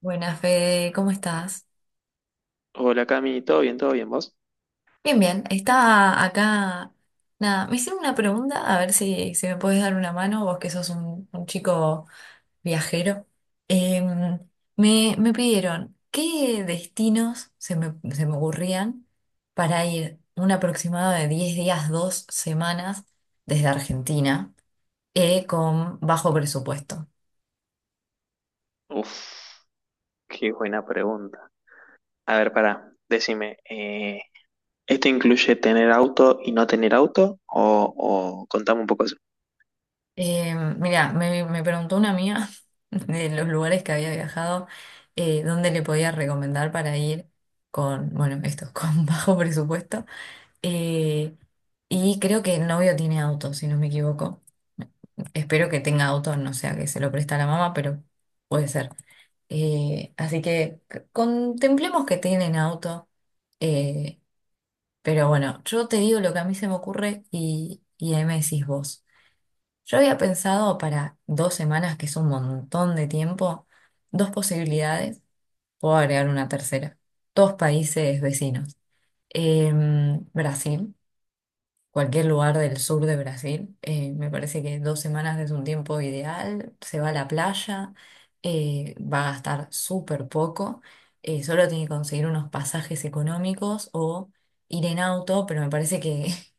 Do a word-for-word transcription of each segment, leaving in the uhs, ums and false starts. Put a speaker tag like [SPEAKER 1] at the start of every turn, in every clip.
[SPEAKER 1] Buenas, Fede, ¿cómo estás?
[SPEAKER 2] Hola Cami, ¿todo bien? ¿Todo bien vos?
[SPEAKER 1] Bien, bien, estaba acá, nada, me hicieron una pregunta, a ver si, si me puedes dar una mano, vos que sos un, un chico viajero. Em, me, me pidieron qué destinos se me, se me ocurrían para ir un aproximado de diez días, dos semanas desde Argentina, eh, con bajo presupuesto.
[SPEAKER 2] Uf, qué buena pregunta. A ver, pará, decime, eh, ¿esto incluye tener auto y no tener auto? O, o contame un poco eso.
[SPEAKER 1] Eh, mira, me, me preguntó una amiga de los lugares que había viajado, eh, dónde le podía recomendar para ir con, bueno, esto, con bajo presupuesto. Eh, y creo que el novio tiene auto, si no me equivoco. Espero que tenga auto, no sea que se lo presta la mamá, pero puede ser. Eh, así que c- contemplemos que tienen auto. eh, pero bueno, yo te digo lo que a mí se me ocurre y, y ahí me decís vos. Yo había pensado para dos semanas, que es un montón de tiempo, dos posibilidades, puedo agregar una tercera, dos países vecinos. Em, Brasil, cualquier lugar del sur de Brasil, eh, me parece que dos semanas es un tiempo ideal, se va a la playa, eh, va a gastar súper poco, eh, solo tiene que conseguir unos pasajes económicos o ir en auto, pero me parece que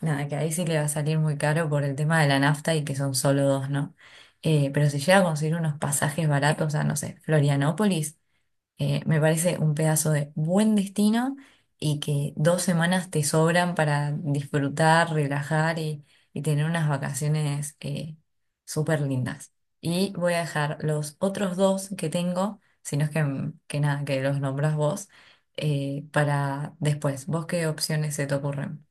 [SPEAKER 1] nada, que ahí sí le va a salir muy caro por el tema de la nafta y que son solo dos, ¿no? Eh, pero si llega a conseguir unos pasajes baratos a, no sé, Florianópolis, eh, me parece un pedazo de buen destino y que dos semanas te sobran para disfrutar, relajar y, y tener unas vacaciones eh, súper lindas. Y voy a dejar los otros dos que tengo, si no es que, que nada, que los nombras vos, eh, para después. ¿Vos qué opciones se te ocurren?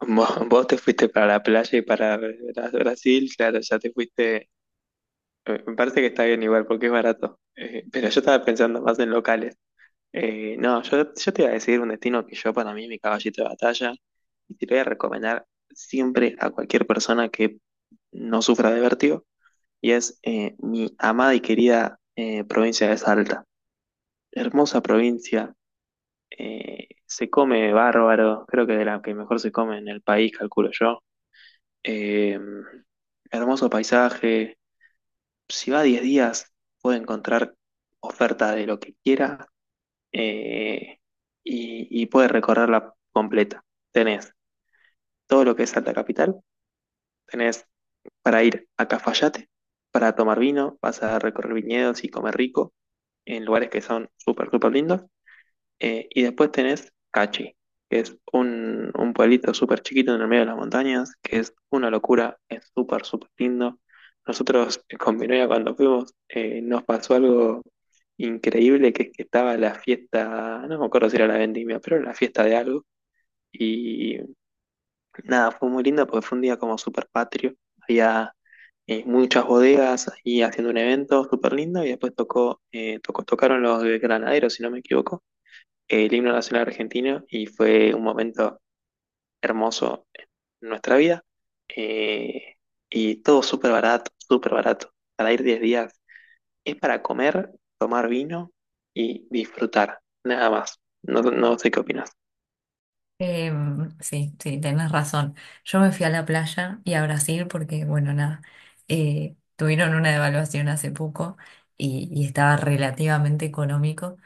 [SPEAKER 2] Vos, vos te fuiste para la playa y para Bra- Brasil, claro, ya te fuiste. eh, Me parece que está bien igual porque es barato. Eh, pero yo estaba pensando más en locales. Eh, no, yo, yo te iba a decir un destino que yo para mí, mi caballito de batalla, y te lo voy a recomendar siempre a cualquier persona que no sufra de vértigo y es eh, mi amada y querida eh, provincia de Salta. Hermosa provincia, eh, se come bárbaro, creo que de la que mejor se come en el país, calculo yo. Eh, Hermoso paisaje, si va diez días puede encontrar oferta de lo que quiera eh, y, y puede recorrerla completa. Tenés todo lo que es Salta Capital, tenés para ir a Cafayate, para tomar vino, vas a recorrer viñedos y comer rico en lugares que son súper, súper lindos. Eh, y después tenés Cachi, que es un, un pueblito súper chiquito en el medio de las montañas, que es una locura, es súper, súper lindo. Nosotros eh, con mi novia cuando fuimos eh, nos pasó algo increíble, que es que estaba la fiesta, no me acuerdo si era la vendimia, pero era la fiesta de algo. Y Nada, fue muy lindo porque fue un día como súper patrio. Había eh, muchas bodegas ahí haciendo un evento súper lindo y después tocó, eh, tocó, tocaron los de Granaderos, si no me equivoco, el himno nacional argentino y fue un momento hermoso en nuestra vida. Eh, y todo súper barato, súper barato. Para ir diez días es para comer, tomar vino y disfrutar, nada más. No, no sé qué opinas.
[SPEAKER 1] Em, sí, sí, tenés razón. Yo me fui a la playa y a Brasil porque, bueno, nada, eh, tuvieron una devaluación hace poco y, y estaba relativamente económico.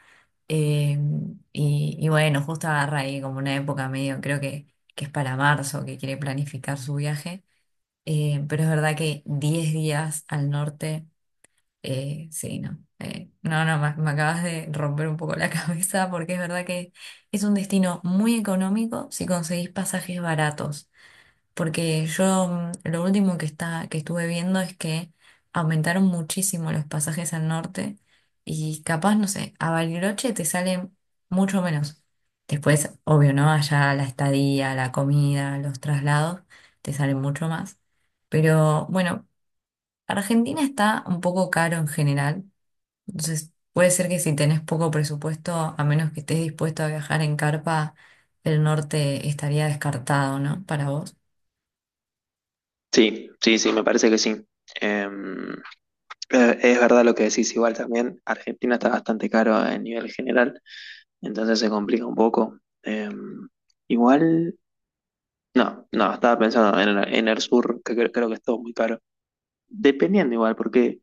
[SPEAKER 1] Em, y, y bueno, justo agarra ahí como una época medio, creo que, que es para marzo, que quiere planificar su viaje. Eh, pero es verdad que diez días al norte. Eh, sí, no. Eh, no, no, me, me acabas de romper un poco la cabeza porque es verdad que es un destino muy económico si conseguís pasajes baratos. Porque yo mm, lo último que está, que estuve viendo es que aumentaron muchísimo los pasajes al norte y capaz, no sé, a Bariloche te sale mucho menos. Después, obvio, ¿no? Allá la estadía, la comida, los traslados te salen mucho más. Pero bueno, Argentina está un poco caro en general, entonces, puede ser que si tenés poco presupuesto, a menos que estés dispuesto a viajar en carpa, el norte estaría descartado, ¿no? Para vos.
[SPEAKER 2] Sí, sí, sí, me parece que sí. Em, Eh, Es verdad lo que decís, igual también Argentina está bastante caro a nivel general, entonces se complica un poco. Eh, Igual, no, no, estaba pensando en, el- en el sur, que cre- creo, que es todo muy caro. Dependiendo igual, porque,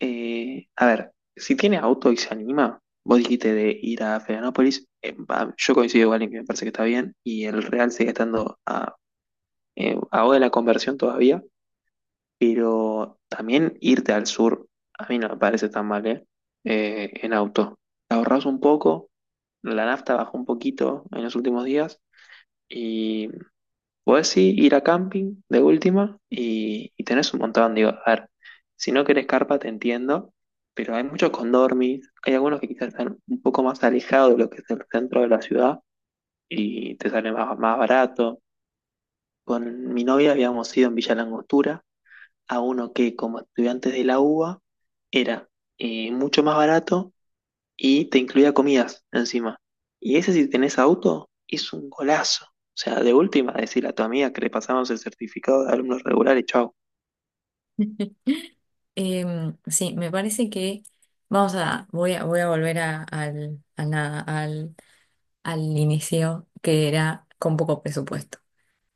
[SPEAKER 2] eh, a ver, si tiene auto y se anima, vos dijiste de ir a Florianópolis, eh, va, yo coincido igual en que me parece que está bien, y el Real sigue estando a, eh, a hora de la conversión todavía. Pero también irte al sur, a mí no me parece tan mal, ¿eh? Eh, en auto. Ahorras un poco, la nafta bajó un poquito en los últimos días y podés sí ir a camping de última y, y tenés un montón. Digo, a ver, si no querés carpa te entiendo, pero hay muchos condormis, hay algunos que quizás están un poco más alejados de lo que es el centro de la ciudad y te sale más, más barato. Con mi novia habíamos ido en Villa Langostura a uno que como estudiantes de la U B A era eh, mucho más barato y te incluía comidas encima. Y ese si tenés auto es un golazo. O sea, de última, decirle a tu amiga que le pasamos el certificado de alumnos regulares, chau.
[SPEAKER 1] Em, sí, me parece que vamos a, voy a, voy a volver a- al, a nada, al, al inicio, que era con poco presupuesto.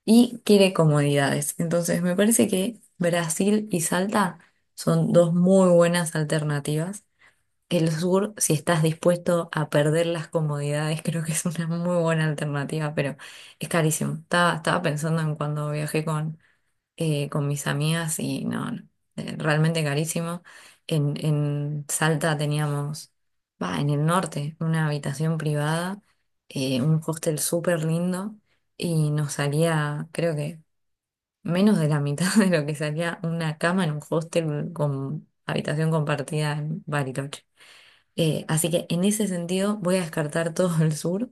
[SPEAKER 1] Y quiere comodidades. Entonces, me parece que Brasil y Salta son dos muy buenas alternativas. El sur, si estás dispuesto a perder las comodidades, creo que es una muy buena alternativa, pero es carísimo. Estaba, estaba pensando en cuando viajé con, eh, con mis amigas y no, no, eh, realmente carísimo. En, en Salta teníamos, va, en el norte, una habitación privada, eh, un hostel súper lindo y nos salía, creo que menos de la mitad de lo que salía una cama en un hostel con habitación compartida en Bariloche. Eh, así que en ese sentido voy a descartar todo el sur.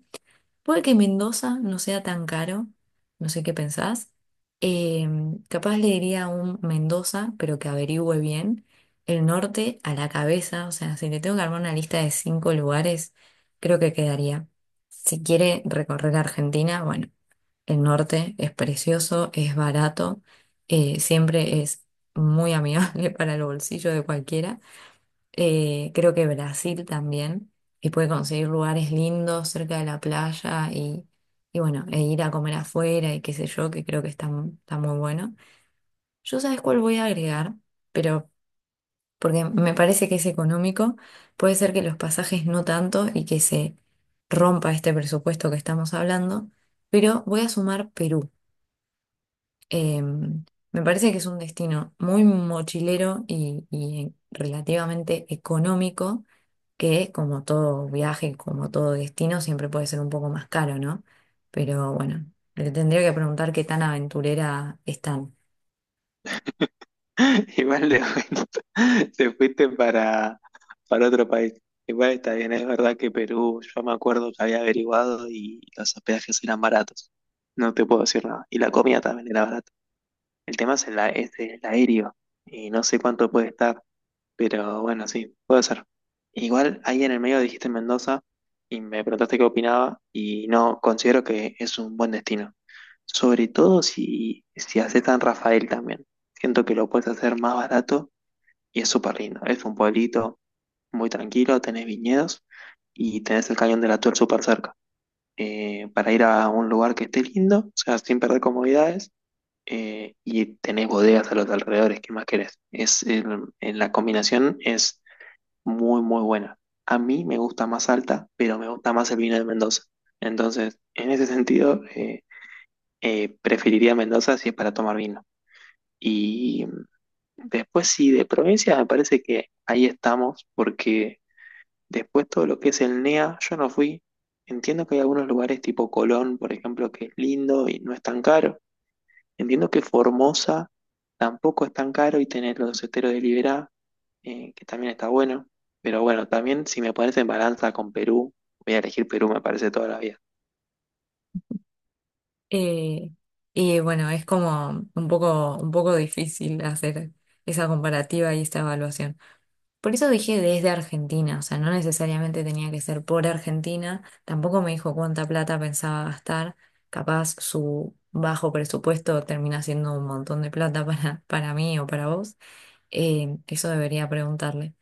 [SPEAKER 1] Puede que Mendoza no sea tan caro, no sé qué pensás. Eh, Capaz le diría a un Mendoza, pero que averigüe bien. El norte a la cabeza, o sea, si le tengo que armar una lista de cinco lugares, creo que quedaría. Si quiere recorrer Argentina, bueno, el norte es precioso, es barato, eh, siempre es muy amigable para el bolsillo de cualquiera. Eh, creo que Brasil también, y puede conseguir lugares lindos cerca de la playa y, y bueno, e ir a comer afuera y qué sé yo, que creo que está, mu- está muy bueno. Yo sabes cuál voy a agregar, pero porque me parece que es económico, puede ser que los pasajes no tanto y que se rompa este presupuesto que estamos hablando, pero voy a sumar Perú. Em, Me parece que es un destino muy mochilero y, y relativamente económico, que como todo viaje, como todo destino, siempre puede ser un poco más caro, ¿no? Pero bueno, le tendría que preguntar qué tan aventurera están.
[SPEAKER 2] Igual de te fuiste para, para otro país. Igual está bien, es verdad que Perú, yo me acuerdo que había averiguado y los hospedajes eran baratos. No te puedo decir nada. Y la comida también era barata. El tema es el, a- es el aéreo y no sé cuánto puede estar, pero bueno, sí, puede ser. Igual ahí en el medio dijiste Mendoza y me preguntaste qué opinaba y no, considero que es un buen destino. Sobre todo si, si haces San Rafael también. Siento que lo puedes hacer más barato y es súper lindo. Es un pueblito muy tranquilo, tenés viñedos y tenés el Cañón de la Tuel súper cerca. Eh, para ir a un lugar que esté lindo, o sea, sin perder comodidades eh, y tenés bodegas a los alrededores, ¿qué más querés? Es el- en la combinación es muy, muy buena. A mí me gusta más alta, pero me gusta más el vino de Mendoza. Entonces, en ese sentido, eh, eh, preferiría Mendoza si es para tomar vino. Y mm, después, sí, de provincia, me parece que ahí estamos, porque después todo lo que es el N E A, yo no fui. Entiendo que hay algunos lugares tipo Colón, por ejemplo, que es lindo y no es tan caro. Entiendo que Formosa tampoco es tan caro y tener los esteros de Liberá, eh, que también está bueno. Pero bueno, también si me pones en balanza con Perú, voy a elegir Perú, me parece toda la vida.
[SPEAKER 1] Eh, y bueno, es como un poco, un poco difícil hacer esa comparativa y esta evaluación. Por eso dije desde Argentina, o sea, no necesariamente tenía que ser por Argentina, tampoco me dijo cuánta plata pensaba gastar, capaz su bajo presupuesto termina siendo un montón de plata para, para mí o para vos, eh, eso debería preguntarle.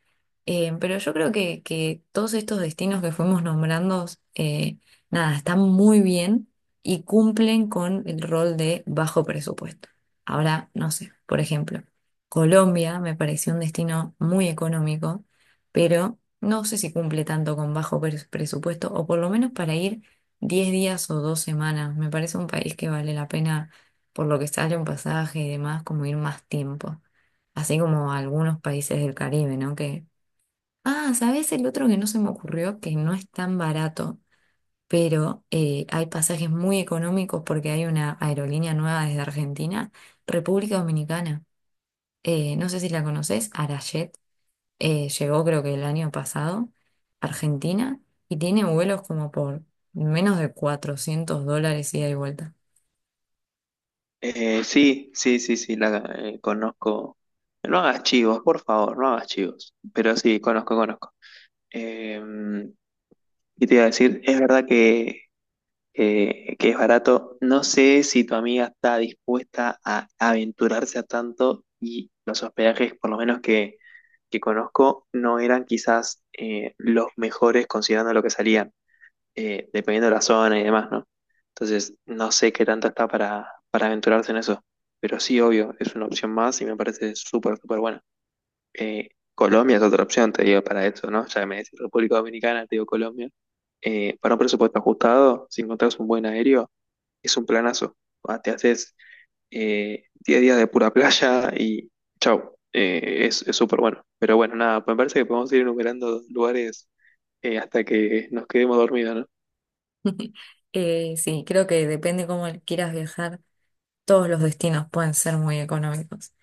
[SPEAKER 1] Eh, pero yo creo que, que todos estos destinos que fuimos nombrando, eh, nada, están muy bien y cumplen con el rol de bajo presupuesto. Ahora, no sé, por ejemplo, Colombia me pareció un destino muy económico, pero no sé si cumple tanto con bajo pres- presupuesto, o por lo menos para ir diez días o dos semanas. Me parece un país que vale la pena, por lo que sale un pasaje y demás, como ir más tiempo, así como algunos países del Caribe, ¿no? Que, ah, ¿sabés el otro que no se me ocurrió? Que no es tan barato, pero eh, hay pasajes muy económicos porque hay una aerolínea nueva desde Argentina, República Dominicana. Eh, no sé si la conoces, Arajet, eh, llegó creo que el año pasado, a Argentina, y tiene vuelos como por menos de cuatrocientos dólares ida y vuelta.
[SPEAKER 2] Eh, sí, sí, sí, sí, la eh, conozco. No hagas chivos, por favor, no hagas chivos. Pero sí, conozco, conozco. Eh, y te iba a decir, es verdad que eh, que es barato. No sé si tu amiga está dispuesta a aventurarse a tanto y los hospedajes, por lo menos que, que conozco, no eran quizás eh, los mejores considerando lo que salían, eh, dependiendo de la zona y demás, ¿no? Entonces, no sé qué tanto está para, para aventurarse en eso, pero sí, obvio, es una opción más y me parece súper, súper buena. Eh, Colombia es otra opción, te digo, para eso, ¿no? Ya que me decís República Dominicana, te digo Colombia. Eh, para un presupuesto ajustado, si encontrás un buen aéreo, es un planazo. Ah, te haces eh, diez días de pura playa y chau. Eh, es es súper bueno. Pero bueno, nada, me parece que podemos ir enumerando lugares eh, hasta que nos quedemos dormidos, ¿no?
[SPEAKER 1] Eh, sí, creo que depende cómo quieras viajar, todos los destinos pueden ser muy económicos.